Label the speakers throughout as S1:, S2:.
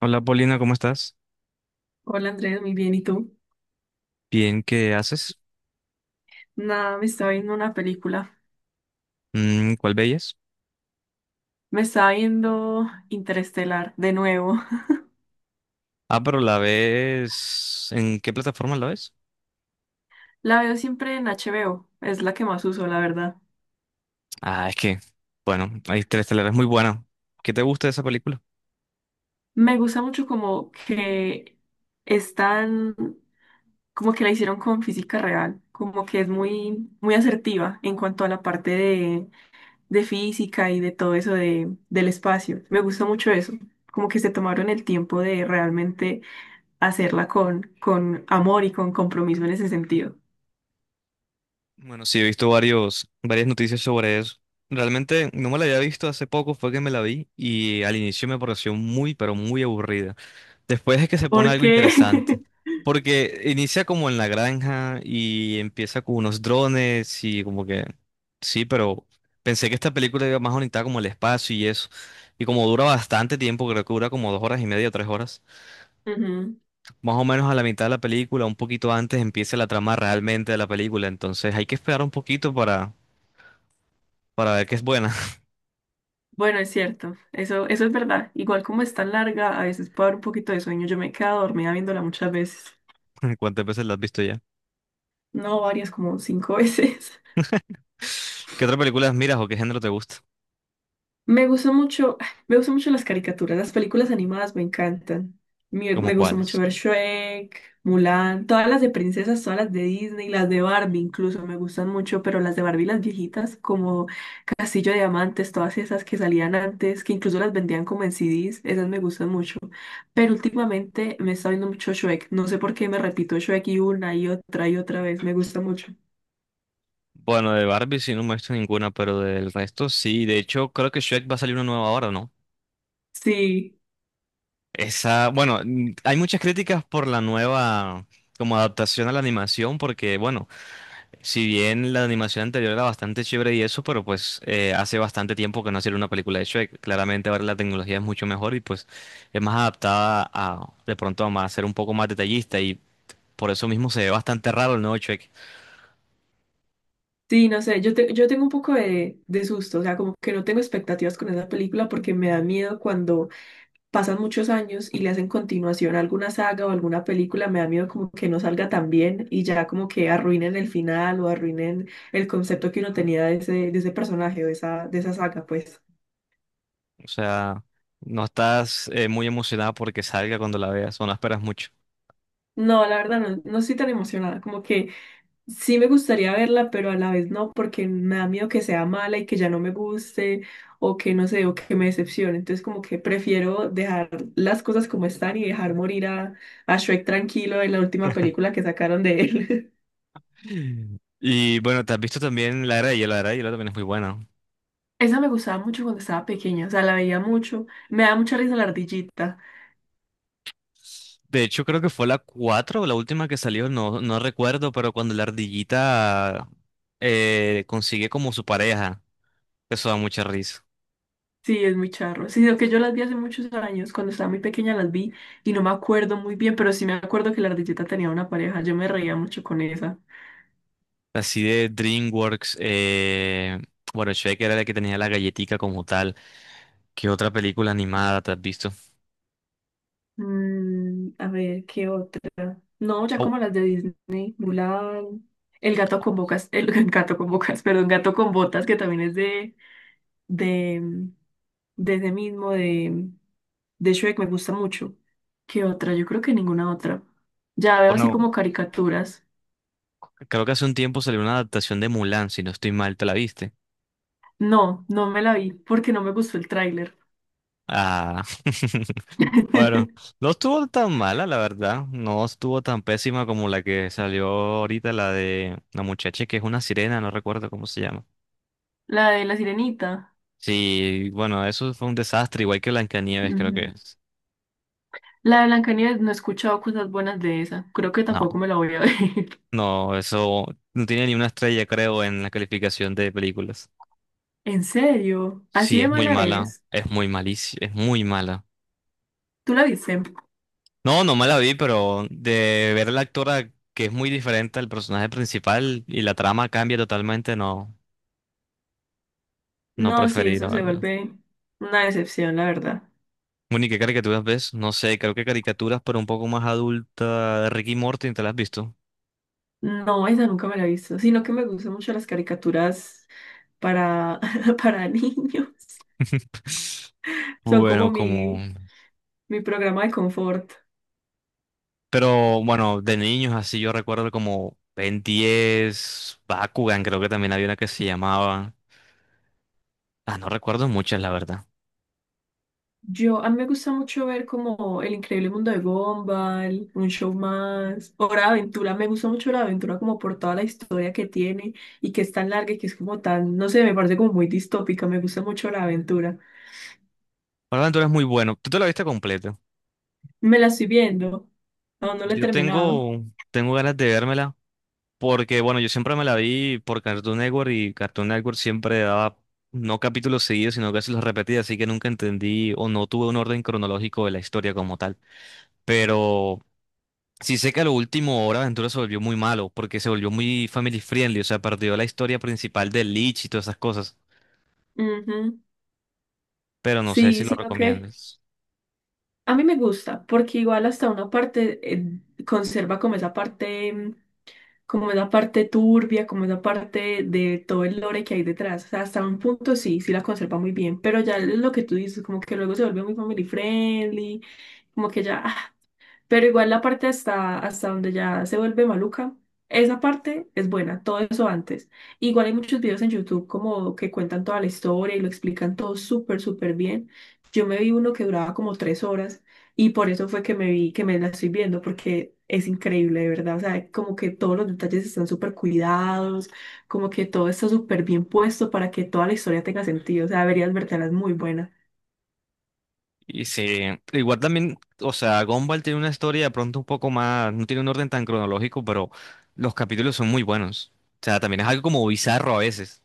S1: Hola Paulina, ¿cómo estás?
S2: Hola Andrés, muy bien. ¿Y tú?
S1: Bien, ¿qué haces?
S2: Nada, me estaba viendo una película.
S1: ¿Cuál veías?
S2: Me estaba viendo Interestelar de nuevo.
S1: Pero la ves... ¿En qué plataforma la ves?
S2: La veo siempre en HBO. Es la que más uso, la verdad.
S1: Ah, es que, bueno, hay tres es muy buena. ¿Qué te gusta de esa película?
S2: Me gusta mucho como que están, como que la hicieron con física real. Como que es muy, muy asertiva en cuanto a la parte de física y de todo eso de, del espacio. Me gusta mucho eso. Como que se tomaron el tiempo de realmente hacerla con amor y con compromiso en ese sentido.
S1: Bueno, sí, he visto varias noticias sobre eso. Realmente no me la había visto hace poco, fue que me la vi y al inicio me pareció muy, pero muy aburrida. Después es que se pone algo
S2: Porque,
S1: interesante, porque inicia como en la granja y empieza con unos drones y como que, sí, pero pensé que esta película iba más bonita como el espacio y eso. Y como dura bastante tiempo, creo que dura como dos horas y media o tres horas,
S2: ujú.
S1: más o menos a la mitad de la película, un poquito antes empieza la trama realmente de la película, entonces hay que esperar un poquito para ver qué es buena.
S2: Bueno, es cierto, eso es verdad. Igual como es tan larga, a veces puede haber un poquito de sueño. Yo me he quedado dormida viéndola muchas veces.
S1: ¿Cuántas veces la has visto ya?
S2: No, varias, como cinco veces.
S1: ¿Qué otras películas miras o qué género te gusta?
S2: Me gusta mucho, me gustan mucho las caricaturas, las películas animadas me encantan. Me,
S1: ¿Como
S2: me gusta mucho
S1: cuáles?
S2: ver Shrek, Mulan, todas las de princesas, todas las de Disney, las de Barbie incluso me gustan mucho, pero las de Barbie, las viejitas, como Castillo de Diamantes, todas esas que salían antes, que incluso las vendían como en CDs, esas me gustan mucho. Pero últimamente me está viendo mucho Shrek, no sé por qué me repito Shrek y una y otra vez, me gusta mucho.
S1: Bueno, de Barbie sí no me he visto ninguna, pero del resto sí. De hecho, creo que Shrek va a salir una nueva ahora, ¿no?
S2: Sí,
S1: Hay muchas críticas por la nueva como adaptación a la animación, porque bueno, si bien la animación anterior era bastante chévere y eso, pero pues hace bastante tiempo que no hacía una película de Shrek. Claramente ahora la tecnología es mucho mejor y pues es más adaptada a de pronto a más, ser un poco más detallista y por eso mismo se ve bastante raro el nuevo Shrek.
S2: sí, no sé, yo, yo tengo un poco de susto, o sea, como que no tengo expectativas con esa película porque me da miedo cuando pasan muchos años y le hacen continuación a alguna saga o alguna película, me da miedo como que no salga tan bien y ya como que arruinen el final o arruinen el concepto que uno tenía de ese personaje o de esa saga, pues.
S1: O sea, no estás muy emocionada porque salga cuando la veas, o no esperas mucho.
S2: No, la verdad no, no estoy tan emocionada, como que sí me gustaría verla, pero a la vez no, porque me da miedo que sea mala y que ya no me guste o que no sé, o que me decepcione. Entonces como que prefiero dejar las cosas como están y dejar morir a Shrek tranquilo en la última película que sacaron de él.
S1: Y bueno, te has visto también La Era de Hielo, La Era de Hielo también es muy buena.
S2: Esa me gustaba mucho cuando estaba pequeña, o sea, la veía mucho. Me da mucha risa la ardillita.
S1: De hecho, creo que fue la 4 la última que salió, no, no recuerdo, pero cuando la ardillita consigue como su pareja, eso da mucha risa.
S2: Sí, es muy charro. Sí, lo que yo las vi hace muchos años, cuando estaba muy pequeña las vi y no me acuerdo muy bien, pero sí me acuerdo que la ardillita tenía una pareja. Yo me reía mucho con esa.
S1: Así de DreamWorks, bueno, Shrek era la que tenía la galletica como tal. ¿Qué otra película animada te has visto?
S2: Mm, a ver, ¿qué otra? No, ya
S1: Au,
S2: como las de Disney, Mulan, el Gato con Bocas, el, el Gato con Bocas, perdón, Gato con Botas, que también es de, desde mismo, de Shrek, me gusta mucho. ¿Qué otra? Yo creo que ninguna otra. Ya veo así
S1: bueno,
S2: como caricaturas.
S1: creo que hace un tiempo salió una adaptación de Mulan, si no estoy mal, ¿te la viste?
S2: No, no me la vi porque no me gustó el tráiler.
S1: Ah. Bueno, no estuvo tan mala, la verdad. No estuvo tan pésima como la que salió ahorita, la de la muchacha que es una sirena, no recuerdo cómo se llama.
S2: La de La Sirenita.
S1: Sí, bueno, eso fue un desastre, igual que Blancanieves, creo que
S2: Ujú.
S1: es.
S2: La de Blancanieves, no he escuchado cosas buenas de esa. Creo que
S1: No,
S2: tampoco me la voy a ver.
S1: no, eso no tiene ni una estrella, creo, en la calificación de películas.
S2: ¿En serio?
S1: Sí,
S2: ¿Así de
S1: es muy
S2: mala
S1: mala,
S2: es?
S1: es muy malísima, es muy mala.
S2: ¿Tú la viste?
S1: No, no me la vi, pero de ver a la actora que es muy diferente al personaje principal y la trama cambia totalmente, no, no
S2: No, sí,
S1: preferí, la
S2: eso se
S1: verdad.
S2: vuelve una decepción, la verdad.
S1: Bueno, ¿y qué caricaturas ves? No sé, creo que caricaturas, pero un poco más adulta. Ricky y Morty, ¿te las has visto?
S2: No, esa nunca me la he visto, sino que me gustan mucho las caricaturas para, para niños. Son como
S1: Bueno, como...
S2: mi programa de confort.
S1: Pero bueno, de niños así yo recuerdo como Ben 10, Bakugan, creo que también había una que se llamaba... Ah, no recuerdo muchas, la verdad.
S2: Yo, a mí me gusta mucho ver como El Increíble Mundo de Gumball, Un Show Más, o Hora de Aventura. Me gusta mucho la aventura como por toda la historia que tiene y que es tan larga y que es como tan, no sé, me parece como muy distópica. Me gusta mucho la aventura.
S1: Ahora tú eres muy bueno. ¿Tú te la viste completa?
S2: Me la estoy viendo, aún no la he
S1: Yo
S2: terminado.
S1: tengo, tengo ganas de vérmela, porque bueno, yo siempre me la vi por Cartoon Network y Cartoon Network siempre daba no capítulos seguidos, sino que se los repetía, así que nunca entendí o no tuve un orden cronológico de la historia como tal. Pero sí sé que a lo último Hora de Aventura se volvió muy malo, porque se volvió muy family friendly, o sea, perdió la historia principal de Lich y todas esas cosas,
S2: Ujú.
S1: pero no sé si
S2: Sí,
S1: lo
S2: sino que
S1: recomiendas.
S2: a mí me gusta, porque igual hasta una parte conserva como esa parte, como esa parte turbia, como esa parte de todo el lore que hay detrás. O sea, hasta un punto sí, sí la conserva muy bien, pero ya lo que tú dices, como que luego se vuelve muy family friendly, como que ya, pero igual la parte hasta, hasta donde ya se vuelve maluca, esa parte es buena, todo eso antes. Igual hay muchos videos en YouTube como que cuentan toda la historia y lo explican todo súper, súper bien. Yo me vi uno que duraba como tres horas y por eso fue que me vi, que me la estoy viendo, porque es increíble, de verdad. O sea, como que todos los detalles están súper cuidados, como que todo está súper bien puesto para que toda la historia tenga sentido. O sea, deberías vertelas muy buena.
S1: Y sí, igual también, o sea, Gumball tiene una historia de pronto un poco más, no tiene un orden tan cronológico, pero los capítulos son muy buenos. O sea, también es algo como bizarro a veces.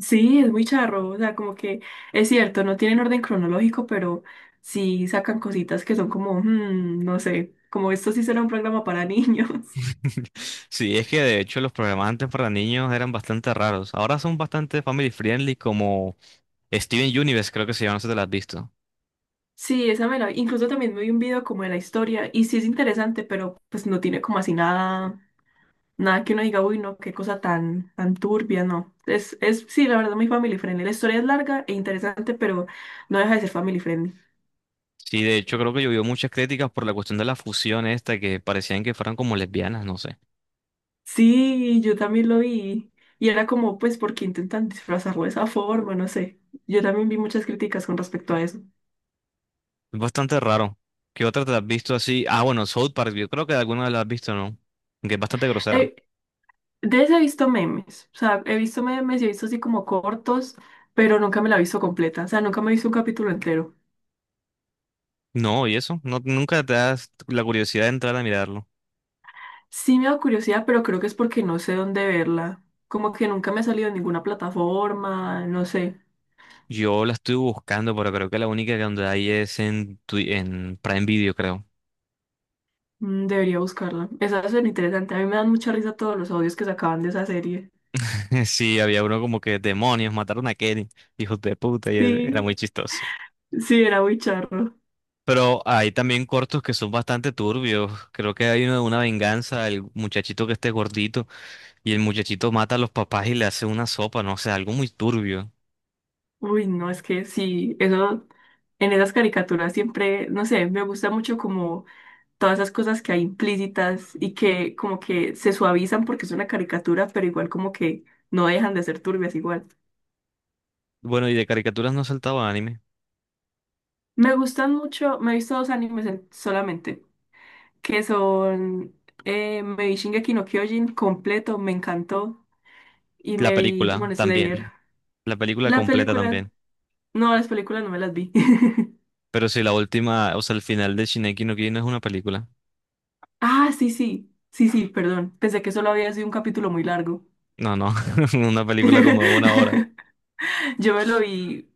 S2: Sí, es muy charro, o sea, como que es cierto, no tienen orden cronológico, pero sí sacan cositas que son como, mm, no sé, como esto sí será un programa para niños.
S1: Sí, es que de hecho los programas antes para niños eran bastante raros. Ahora son bastante family friendly, como Steven Universe, creo que se llama, no sé si te lo has visto.
S2: Sí, esa me la vi. Incluso también me vi un video como de la historia y sí es interesante, pero pues no tiene como así nada, nada que uno diga, uy, no, qué cosa tan, tan turbia, no. Sí, la verdad, muy family friendly. La historia es larga e interesante, pero no deja de ser family friendly.
S1: Sí, de hecho creo que llovió muchas críticas por la cuestión de la fusión esta, que parecían que fueran como lesbianas, no sé.
S2: Sí, yo también lo vi. Y era como, pues, ¿por qué intentan disfrazarlo de esa forma? No sé. Yo también vi muchas críticas con respecto a eso.
S1: Es bastante raro. ¿Qué otra te has visto así? Ah, bueno, South Park, yo creo que alguna la has visto, ¿no? Que es bastante grosera.
S2: Eh, de ese he visto memes. O sea, he visto memes y he visto así como cortos, pero nunca me la he visto completa. O sea, nunca me he visto un capítulo entero.
S1: No, ¿y eso? No, nunca te das la curiosidad de entrar a mirarlo.
S2: Sí me da curiosidad, pero creo que es porque no sé dónde verla. Como que nunca me ha salido en ninguna plataforma, no sé.
S1: Yo la estoy buscando, pero creo que la única que donde hay es en, en Prime Video, creo.
S2: Mm, debería buscarla. Esa suena interesante. A mí me dan mucha risa todos los audios que sacaban de esa serie.
S1: Sí, había uno como que demonios, mataron a Kenny, hijos de puta, y era muy
S2: Sí,
S1: chistoso.
S2: sí, era muy charro.
S1: Pero hay también cortos que son bastante turbios. Creo que hay uno de una venganza, el muchachito que esté gordito y el muchachito mata a los papás y le hace una sopa, no sé, algo muy turbio.
S2: Uy, no, es que sí, eso en esas caricaturas siempre, no sé, me gusta mucho como todas esas cosas que hay implícitas y que como que se suavizan porque es una caricatura, pero igual como que no dejan de ser turbias igual.
S1: Bueno, y de caricaturas no saltaba anime.
S2: Me gustan mucho, me he visto dos animes solamente, que son me vi Shingeki no Kyojin completo, me encantó, y
S1: La
S2: me vi
S1: película
S2: Demon Slayer.
S1: también, la película
S2: La
S1: completa
S2: película,
S1: también.
S2: no, las películas no me las vi.
S1: Pero si la última, o sea, el final de Shingeki no Kyojin no es una película.
S2: Ah, sí, sí, sí, sí, perdón. Pensé que solo había sido un capítulo muy largo.
S1: No, no, una película como de una hora.
S2: Yo me lo vi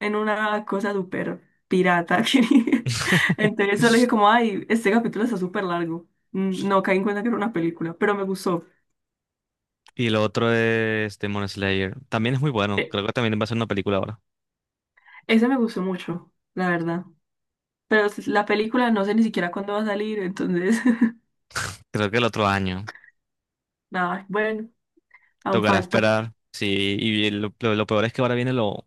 S2: en una cosa súper pirata. que- Entonces solo dije como, ay, este capítulo está súper largo. Mm, no caí en cuenta que era una película, pero me gustó.
S1: Y lo otro es Demon Slayer. También es muy bueno.
S2: Eh,
S1: Creo que también va a ser una película ahora.
S2: Ese me gustó mucho, la verdad. Pero la película no sé ni siquiera cuándo va a salir, entonces,
S1: Creo que el otro año.
S2: nada, bueno, aún
S1: Tocará
S2: falta.
S1: esperar, sí, y lo peor es que ahora viene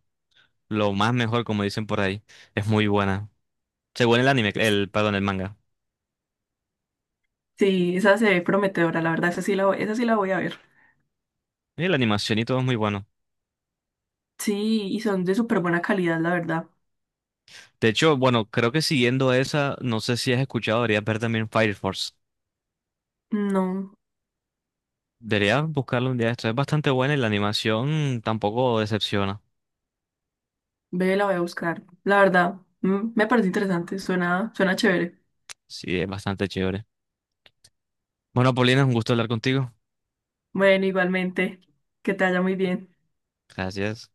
S1: lo más mejor, como dicen por ahí. Es muy buena. Según el anime, el, perdón, el manga.
S2: Sí, esa se ve prometedora, la verdad, esa sí la voy, esa sí la voy a ver.
S1: Y la animación y todo es muy bueno.
S2: Sí, y son de súper buena calidad, la verdad.
S1: De hecho, bueno, creo que siguiendo esa, no sé si has escuchado, deberías ver también Fire Force.
S2: No,
S1: Deberías buscarlo un día. Esto es bastante buena y la animación tampoco decepciona.
S2: ve, la voy a buscar. La verdad, mm, me parece interesante, suena, suena chévere.
S1: Sí, es bastante chévere. Bueno, Paulina, un gusto hablar contigo.
S2: Bueno, igualmente, que te vaya muy bien.
S1: Gracias.